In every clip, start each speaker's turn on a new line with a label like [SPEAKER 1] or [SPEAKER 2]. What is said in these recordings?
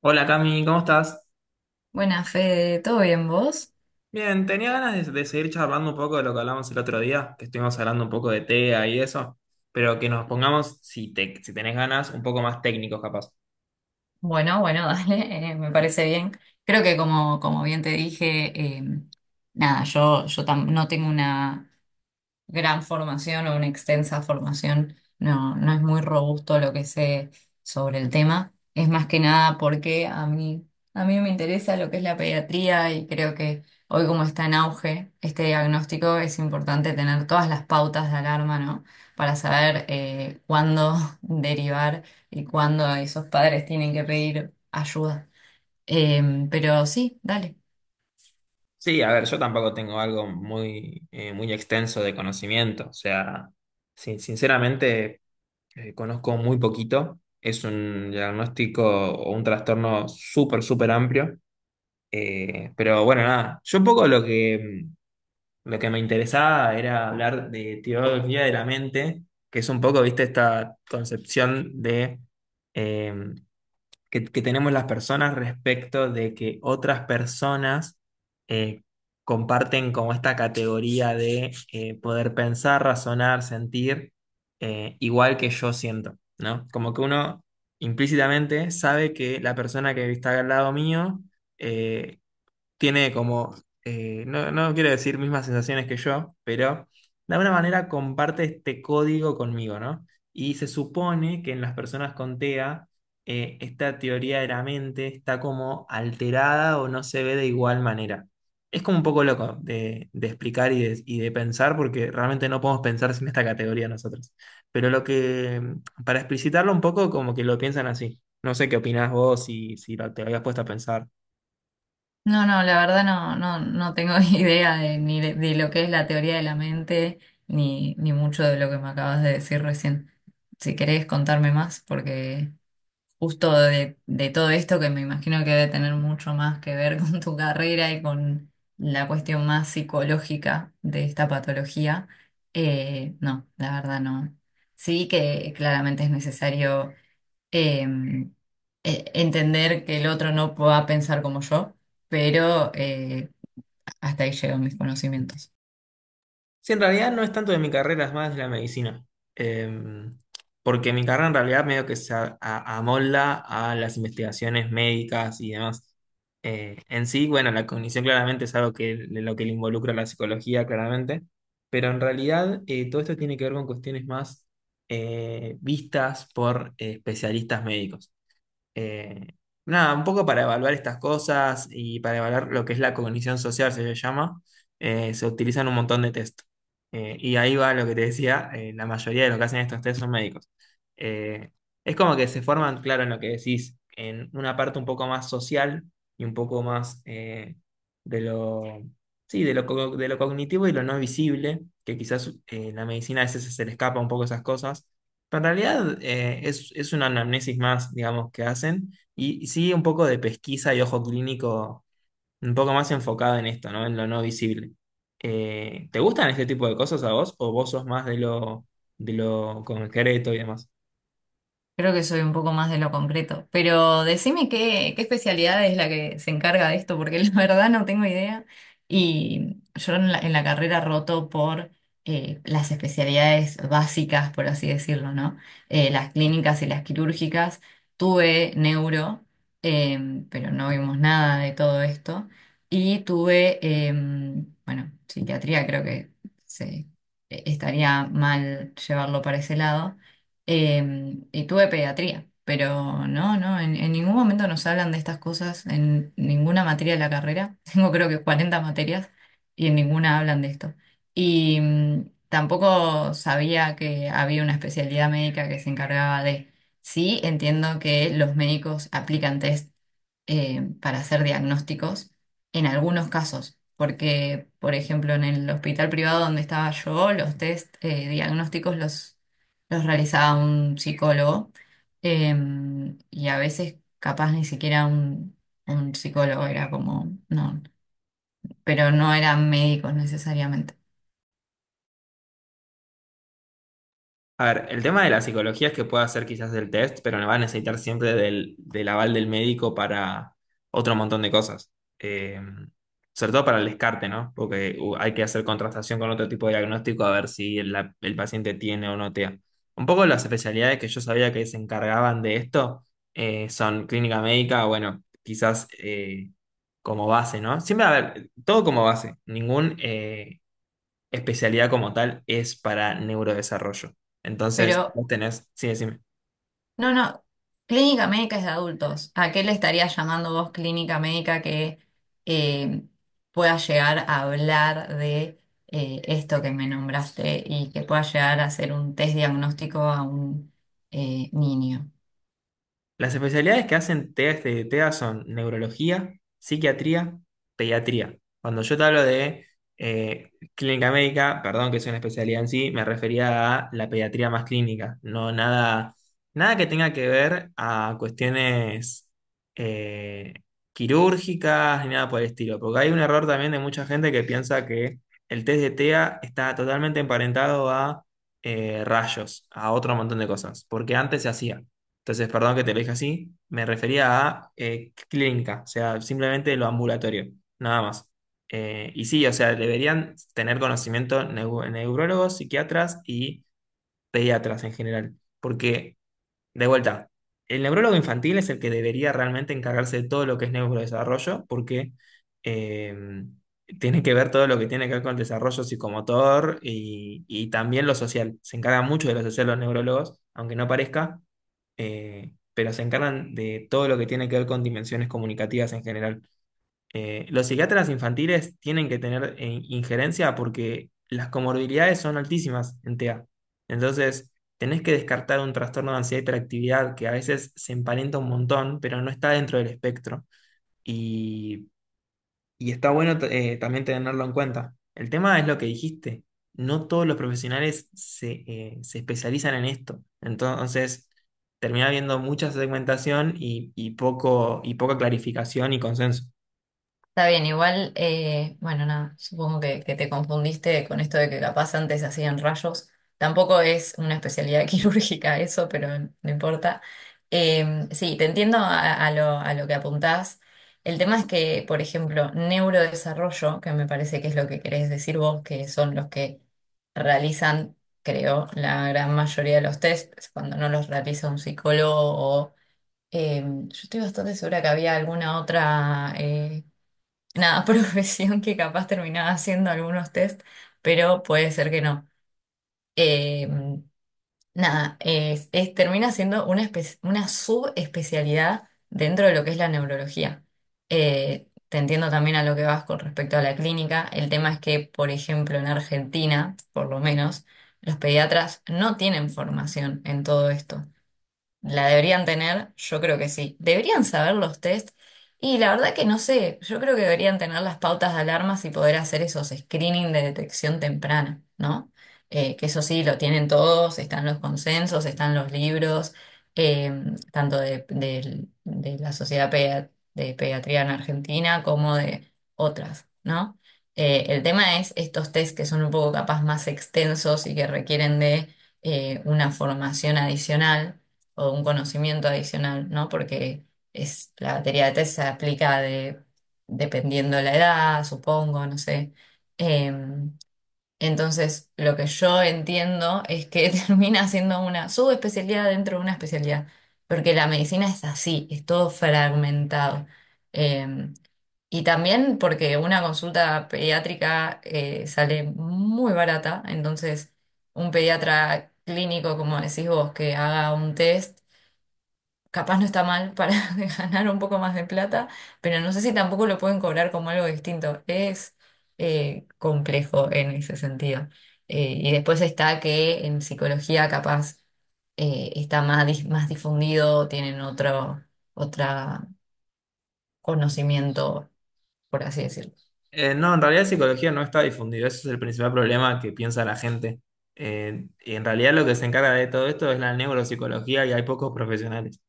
[SPEAKER 1] Hola Cami, ¿cómo estás?
[SPEAKER 2] Buenas, Fede, ¿todo bien vos?
[SPEAKER 1] Bien, tenía ganas de seguir charlando un poco de lo que hablamos el otro día, que estuvimos hablando un poco de TEA y eso, pero que nos pongamos, si tenés ganas, un poco más técnicos capaz.
[SPEAKER 2] Bueno, bueno, dale, me parece bien. Creo que como bien te dije, nada, no tengo una, gran formación o una extensa formación. No es muy robusto lo que sé sobre el tema. Es más que nada porque a mí me interesa lo que es la pediatría y creo que hoy como está en auge este diagnóstico es importante tener todas las pautas de alarma, ¿no? Para saber cuándo derivar y cuándo esos padres tienen que pedir ayuda. Pero sí, dale.
[SPEAKER 1] Sí, a ver, yo tampoco tengo algo muy, muy extenso de conocimiento, o sea, sinceramente conozco muy poquito, es un diagnóstico o un trastorno súper amplio, pero bueno, nada, yo un poco lo Lo que me interesaba era hablar de teoría de la mente, que es un poco, viste, esta concepción de eh, que tenemos las personas respecto de que otras personas eh, comparten como esta categoría de poder pensar, razonar, sentir, igual que yo siento, ¿no? Como que uno implícitamente sabe que la persona que está al lado mío eh, tiene como, no, no quiero decir mismas sensaciones que yo, pero de alguna manera comparte este código conmigo, ¿no? Y se supone que en las personas con TEA, esta teoría de la mente está como alterada o no se ve de igual manera. Es como un poco loco de explicar y de pensar, porque realmente no podemos pensar sin esta categoría nosotros. Pero lo que, para explicitarlo un poco, como que lo piensan así. No sé qué opinás vos, si lo- te lo habías puesto a pensar.
[SPEAKER 2] No, no, la verdad no, no tengo idea de, ni de, de lo que es la teoría de la mente, ni mucho de lo que me acabas de decir recién. Si querés contarme más, porque justo de todo esto, que me imagino que debe tener mucho más que ver con tu carrera y con la cuestión más psicológica de esta patología, no, la verdad no. Sí que claramente es necesario em, entender que el otro no pueda pensar como yo, pero hasta ahí llegan mis conocimientos.
[SPEAKER 1] Sí, en realidad no es tanto de mi carrera, es más de la medicina. Eh, Porque mi carrera en realidad medio que se amolda a las investigaciones médicas y demás. En sí, bueno, la cognición claramente es algo que de lo que le involucra la psicología, claramente. Pero en realidad todo esto tiene que ver con cuestiones más vistas por especialistas médicos. Eh, Nada, un poco para evaluar estas cosas y para evaluar lo que es la cognición social, se le llama, se utilizan un montón de test. Y ahí va lo que te decía, la mayoría de lo que hacen estos test son médicos. Eh, es como que se forman, claro, en lo que decís, en una parte un poco más social y un poco más de lo, sí, de lo cognitivo y lo no visible, que quizás la medicina a veces se le escapa un poco esas cosas, pero en realidad es una anamnesis más, digamos, que hacen y sí un poco de pesquisa y ojo clínico un poco más enfocado en esto, ¿no? En lo no visible. ¿Te gustan este tipo de cosas a vos o vos sos más de lo concreto y demás?
[SPEAKER 2] Creo que soy un poco más de lo concreto, pero decime qué especialidad es la que se encarga de esto, porque la verdad no tengo idea. Y yo en la carrera roto por las especialidades básicas, por así decirlo, ¿no? Las clínicas y las quirúrgicas. Tuve neuro, pero no vimos nada de todo esto. Y tuve, em, bueno, psiquiatría, creo que se, estaría mal llevarlo para ese lado y tuve pediatría, pero no, no, en ningún momento nos hablan de estas cosas, en ninguna materia de la carrera. Tengo creo que 40 materias y en ninguna hablan de esto. Y tampoco sabía que había una especialidad médica que se encargaba de... Sí, entiendo que los médicos aplican test para hacer diagnósticos en algunos casos, porque, por ejemplo, en el hospital privado donde estaba yo, los test diagnósticos los realizaba un psicólogo eh, y a veces capaz ni siquiera un psicólogo era como, no, pero no eran médicos necesariamente.
[SPEAKER 1] A ver, el tema de la psicología es que puede hacer quizás el test, pero no va a necesitar siempre del aval del médico para otro montón de cosas. Eh, Sobre todo para el descarte, ¿no? Porque hay que hacer contrastación con otro tipo de diagnóstico a ver si el paciente tiene o no TEA. Un poco las especialidades que yo sabía que se encargaban de esto son clínica médica, bueno, quizás como base, ¿no? Siempre, a ver, todo como base. Especialidad como tal es para neurodesarrollo. Entonces,
[SPEAKER 2] Pero
[SPEAKER 1] vos tenés, sí, sí.
[SPEAKER 2] no, no, clínica médica es de adultos. ¿A qué le estarías llamando vos clínica médica que eh, pueda llegar a hablar de esto que me nombraste y que pueda llegar a hacer un test diagnóstico a un niño?
[SPEAKER 1] Las especialidades que hacen TEA, este, TEA son neurología, psiquiatría, pediatría. Cuando yo te hablo de clínica médica, perdón que es una especialidad en sí, me refería a la pediatría más clínica, nada que tenga que ver a cuestiones eh, quirúrgicas ni nada por el estilo, porque hay un error también de mucha gente que piensa que el test de TEA está totalmente emparentado a rayos, a otro montón de cosas, porque antes se hacía. Entonces, perdón que te lo dije así, me refería a clínica, o sea, simplemente lo ambulatorio, nada más. Y sí, o sea, deberían tener conocimiento neurólogos, psiquiatras y pediatras en general, porque de vuelta, el neurólogo infantil es el que debería realmente encargarse de todo lo que es neurodesarrollo, porque eh, tiene que ver todo lo que tiene que ver con el desarrollo psicomotor y también lo social. Se encargan mucho de lo social los neurólogos, aunque no parezca, pero se encargan de todo lo que tiene que ver con dimensiones comunicativas en general. Los psiquiatras infantiles tienen que tener injerencia porque las comorbilidades son altísimas en TEA. Entonces, tenés que descartar un trastorno de ansiedad y hiperactividad que a veces se emparenta un montón, pero no está dentro del espectro. Y, y está bueno también tenerlo en cuenta. El tema es lo que dijiste. No todos los profesionales se especializan en esto. Entonces, termina habiendo mucha segmentación y poca clarificación y consenso.
[SPEAKER 2] Está bien, igual, bueno, nada, supongo que te confundiste con esto de que capaz antes hacían rayos. Tampoco es una especialidad quirúrgica eso, pero no importa. Sí, te entiendo a lo que apuntás. El tema es que, por ejemplo, neurodesarrollo, que me parece que es lo que querés decir vos, que son los que realizan, creo, la gran mayoría de los tests, cuando no los realiza un psicólogo o... yo estoy bastante segura que había alguna otra... nada, profesión que capaz terminaba haciendo algunos test, pero puede ser que no. Eh, nada, termina siendo una, una subespecialidad dentro de lo que es la neurología. Te entiendo también a lo que vas con respecto a la clínica. El tema es que, por ejemplo, en Argentina, por lo menos, los pediatras no tienen formación en todo esto. La deberían tener, yo creo que sí. Deberían saber los test. Y la verdad que no sé, yo creo que deberían tener las pautas de alarmas y poder hacer esos screening de detección temprana, ¿no? Que eso sí, lo tienen todos, están los consensos, están los libros, eh, tanto de la de Pediatría en Argentina como de otras, ¿no? El tema es estos test que son un poco capaz más extensos y que requieren de una formación adicional o un conocimiento adicional, ¿no? Porque es, la batería de test se aplica dependiendo de la edad, supongo, no sé. Eh, entonces, lo que yo entiendo es que termina siendo una subespecialidad dentro de una especialidad, porque la medicina es así, es todo fragmentado. Eh, y también porque una consulta pediátrica sale muy barata, entonces un pediatra clínico, como decís vos, que haga un test capaz no está mal para ganar un poco más de plata, pero no sé si tampoco lo pueden cobrar como algo distinto. Es complejo en ese sentido. Y después está que en psicología capaz está más, más difundido, tienen otro, otra conocimiento, por así decirlo.
[SPEAKER 1] No, en realidad psicología no está difundido, ese es el principal problema que piensa la gente. Y en realidad lo que se encarga de todo esto es la neuropsicología y hay pocos profesionales.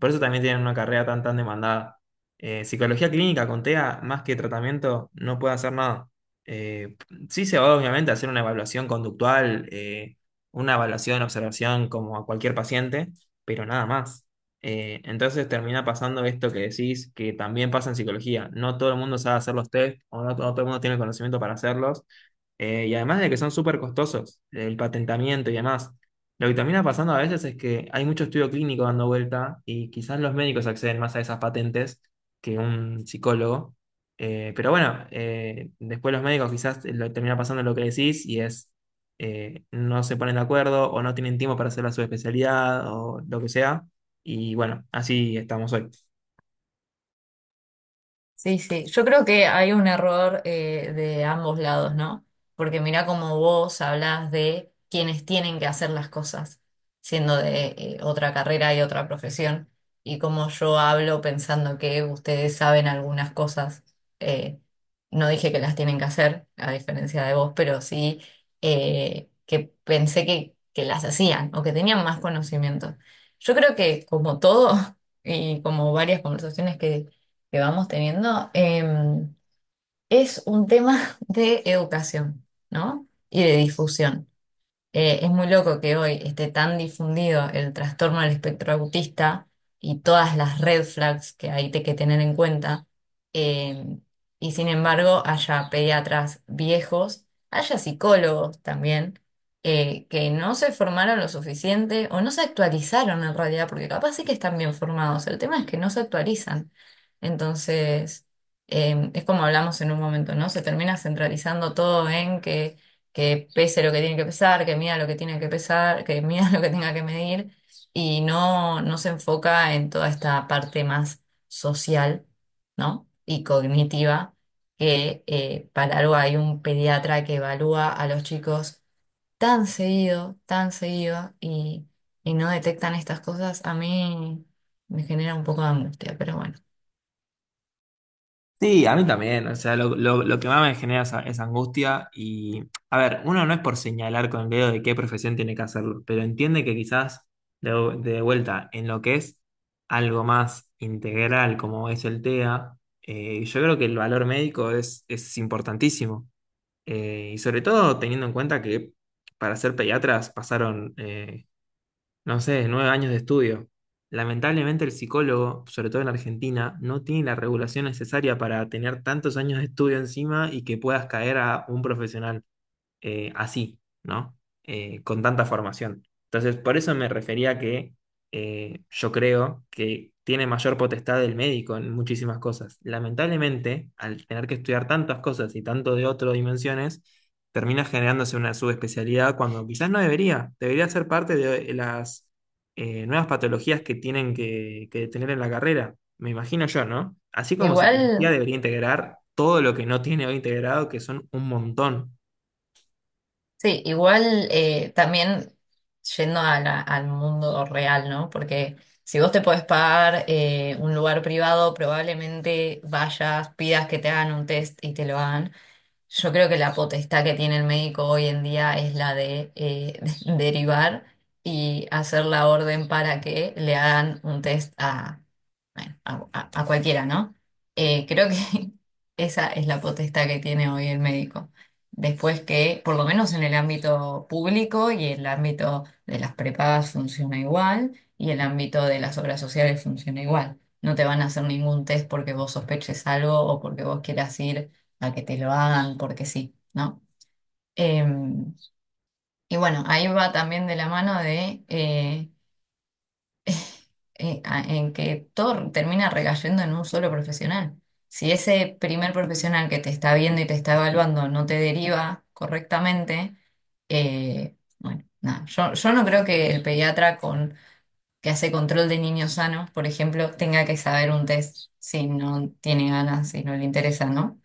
[SPEAKER 1] Por eso también tienen una carrera tan demandada. Psicología clínica con TEA, más que tratamiento, no puede hacer nada. Eh, sí se va obviamente a hacer una evaluación conductual, una evaluación, observación como a cualquier paciente, pero nada más. Entonces termina pasando esto que decís, que también pasa en psicología. No todo el mundo sabe hacer los test o no todo el mundo tiene el conocimiento para hacerlos. Y además de que son súper costosos, el patentamiento y demás. Lo que termina pasando a veces es que hay mucho estudio clínico dando vuelta y quizás los médicos acceden más a esas patentes que un psicólogo. Pero bueno, después los médicos termina pasando lo que decís y es no se ponen de acuerdo o no tienen tiempo para hacer la subespecialidad o lo que sea. Y bueno, así estamos hoy.
[SPEAKER 2] Sí, sí, yo creo que hay un error de ambos lados, ¿no? Porque mira cómo vos hablas de quienes tienen que hacer las cosas, siendo de otra carrera y otra profesión, y como yo hablo pensando que ustedes saben algunas cosas, eh, no dije que las tienen que hacer, a diferencia de vos, pero sí que pensé que las hacían o que tenían más conocimiento. Yo creo que como todo y como varias conversaciones que vamos teniendo, es un tema de educación, ¿no? Y de difusión. Es muy loco que hoy esté tan difundido el trastorno del espectro autista y todas las red flags que hay que tener en cuenta, eh, y sin embargo haya pediatras viejos, haya psicólogos también, que no se formaron lo suficiente o no se actualizaron en realidad, porque capaz sí que están bien formados, el tema es que no se actualizan. Entonces, es como hablamos en un momento, ¿no? Se termina centralizando todo en que pese lo que tiene que pesar, que mida lo que tiene que pesar, que mida lo que tenga que medir, y no se enfoca en toda esta parte más social, ¿no? Y cognitiva, que para algo hay un pediatra que evalúa a los chicos tan seguido, y no detectan estas cosas, a mí me genera un poco de angustia, pero bueno.
[SPEAKER 1] Sí, a mí también, o sea, lo que más me genera esa angustia y, a ver, uno no es por señalar con el dedo de qué profesión tiene que hacerlo, pero entiende que quizás de, de vuelta en lo que es algo más integral como es el TEA, yo creo que el valor médico es importantísimo, y sobre todo teniendo en cuenta que para ser pediatras pasaron no sé, 9 años de estudio. Lamentablemente el psicólogo, sobre todo en Argentina, no tiene la regulación necesaria para tener tantos años de estudio encima y que puedas caer a un profesional así, ¿no? Con tanta formación. Entonces, por eso me refería que yo creo que tiene mayor potestad el médico en muchísimas cosas. Lamentablemente, al tener que estudiar tantas cosas y tanto de otras dimensiones, termina generándose una subespecialidad cuando quizás no debería. Debería ser parte de las nuevas patologías que tienen que tener en la carrera. Me imagino yo, ¿no? Así como psicología
[SPEAKER 2] Igual.
[SPEAKER 1] debería integrar todo lo que no tiene hoy integrado, que son un montón.
[SPEAKER 2] Sí, igual también yendo al mundo real, ¿no? Porque si vos te podés pagar un lugar privado, probablemente vayas, pidas que te hagan un test y te lo hagan. Yo creo que la potestad que tiene el médico hoy en día es la de derivar y hacer la orden para que le hagan un test a, bueno, a cualquiera, ¿no? Creo que esa es la potestad que tiene hoy el médico. Después que, por lo menos en el ámbito público y el ámbito de las prepagas funciona igual y el ámbito de las obras sociales funciona igual. No te van a hacer ningún test porque vos sospeches algo o porque vos quieras ir a que te lo hagan porque sí, ¿no? Em, y bueno, ahí va también de la mano de en que todo termina recayendo en un solo profesional. Si ese primer profesional que te está viendo y te está evaluando no te deriva correctamente, bueno, nada, yo no creo que el pediatra que hace control de niños sanos, por ejemplo, tenga que saber un test si no tiene ganas, si no le interesa, ¿no?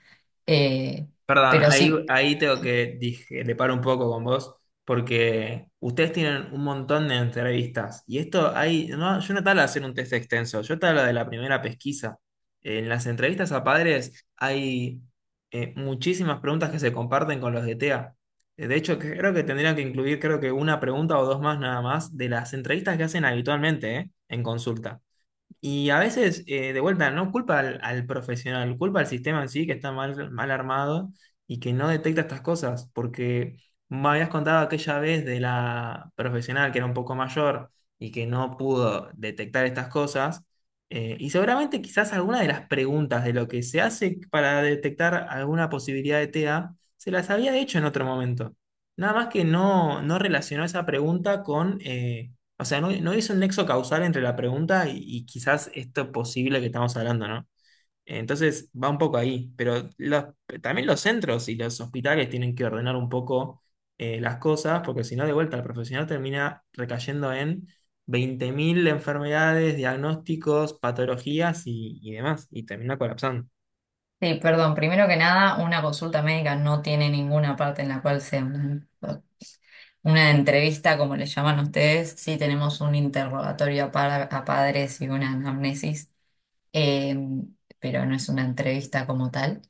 [SPEAKER 2] Eh,
[SPEAKER 1] Perdón,
[SPEAKER 2] pero
[SPEAKER 1] ahí,
[SPEAKER 2] sí.
[SPEAKER 1] ahí tengo que dije, le paro un poco con vos, porque ustedes tienen un montón de entrevistas. Y esto hay, no, yo no te hablo de hacer un test extenso, yo te hablo de la primera pesquisa. En las entrevistas a padres hay muchísimas preguntas que se comparten con los de TEA. De hecho, creo que tendrían que incluir, creo que una pregunta o dos más nada más de las entrevistas que hacen habitualmente, en consulta. Y a veces, de vuelta, no culpa al profesional, culpa al sistema en sí que está mal armado y que no detecta estas cosas, porque me habías contado aquella vez de la profesional que era un poco mayor y que no pudo detectar estas cosas, y seguramente quizás alguna de las preguntas de lo que se hace para detectar alguna posibilidad de TEA se las había hecho en otro momento. Nada más que no relacionó esa pregunta con... o sea, no hizo un nexo causal entre la pregunta y quizás esto posible que estamos hablando, ¿no? Entonces va un poco ahí, pero también los centros y los hospitales tienen que ordenar un poco las cosas, porque si no, de vuelta, el profesional termina recayendo en 20.000 enfermedades, diagnósticos, patologías y demás, y termina colapsando.
[SPEAKER 2] Sí, perdón, primero que nada, una consulta médica no tiene ninguna parte en la cual sea una entrevista, como le llaman ustedes. Sí tenemos un interrogatorio a padres y una anamnesis, eh, pero no es una entrevista como tal.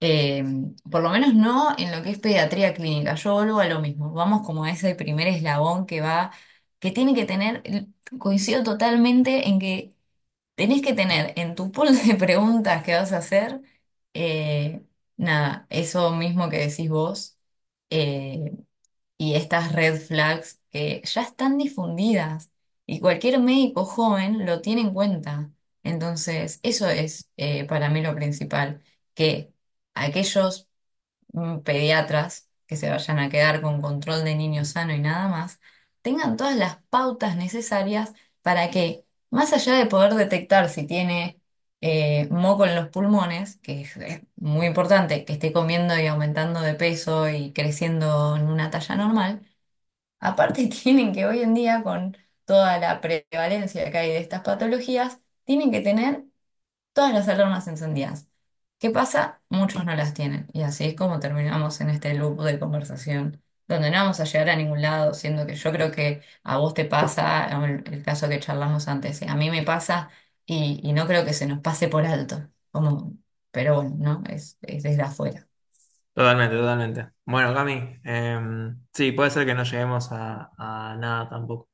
[SPEAKER 2] Eh, por lo menos no en lo que es pediatría clínica. Yo vuelvo a lo mismo. Vamos como a ese primer eslabón que va, que tiene que tener, coincido totalmente en que tenés que tener en tu pool de preguntas que vas a hacer, eh, nada, eso mismo que decís vos, eh, y estas red flags que ya están difundidas y cualquier médico joven lo tiene en cuenta. Entonces, eso es para mí lo principal, que aquellos pediatras que se vayan a quedar con control de niño sano y nada más, tengan todas las pautas necesarias para que, más allá de poder detectar si tiene moco en los pulmones, que es muy importante, que esté comiendo y aumentando de peso y creciendo en una talla normal, aparte tienen que hoy en día, con toda la prevalencia que hay de estas patologías, tienen que tener todas las alarmas encendidas. ¿Qué pasa? Muchos no las tienen. Y así es como terminamos en este loop de conversación, donde no vamos a llegar a ningún lado, siendo que yo creo que a vos te pasa, o el caso que charlamos antes, a mí me pasa y no creo que se nos pase por alto. Como, pero bueno, ¿no? Es desde afuera.
[SPEAKER 1] Totalmente, totalmente. Bueno, Cami, sí, puede ser que no lleguemos a nada tampoco.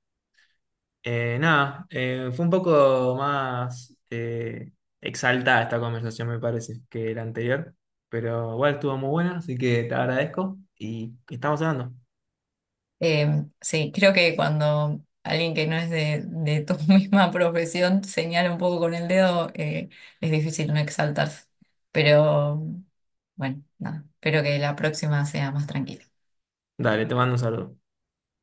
[SPEAKER 1] Nada, fue un poco más exaltada esta conversación, me parece, que la anterior. Pero igual estuvo muy buena, así que te agradezco y estamos hablando.
[SPEAKER 2] Sí, creo que cuando alguien que no es de tu misma profesión señala un poco con el dedo, es difícil no exaltarse. Pero bueno, nada, espero que la próxima sea más tranquila.
[SPEAKER 1] Dale, te mando un saludo.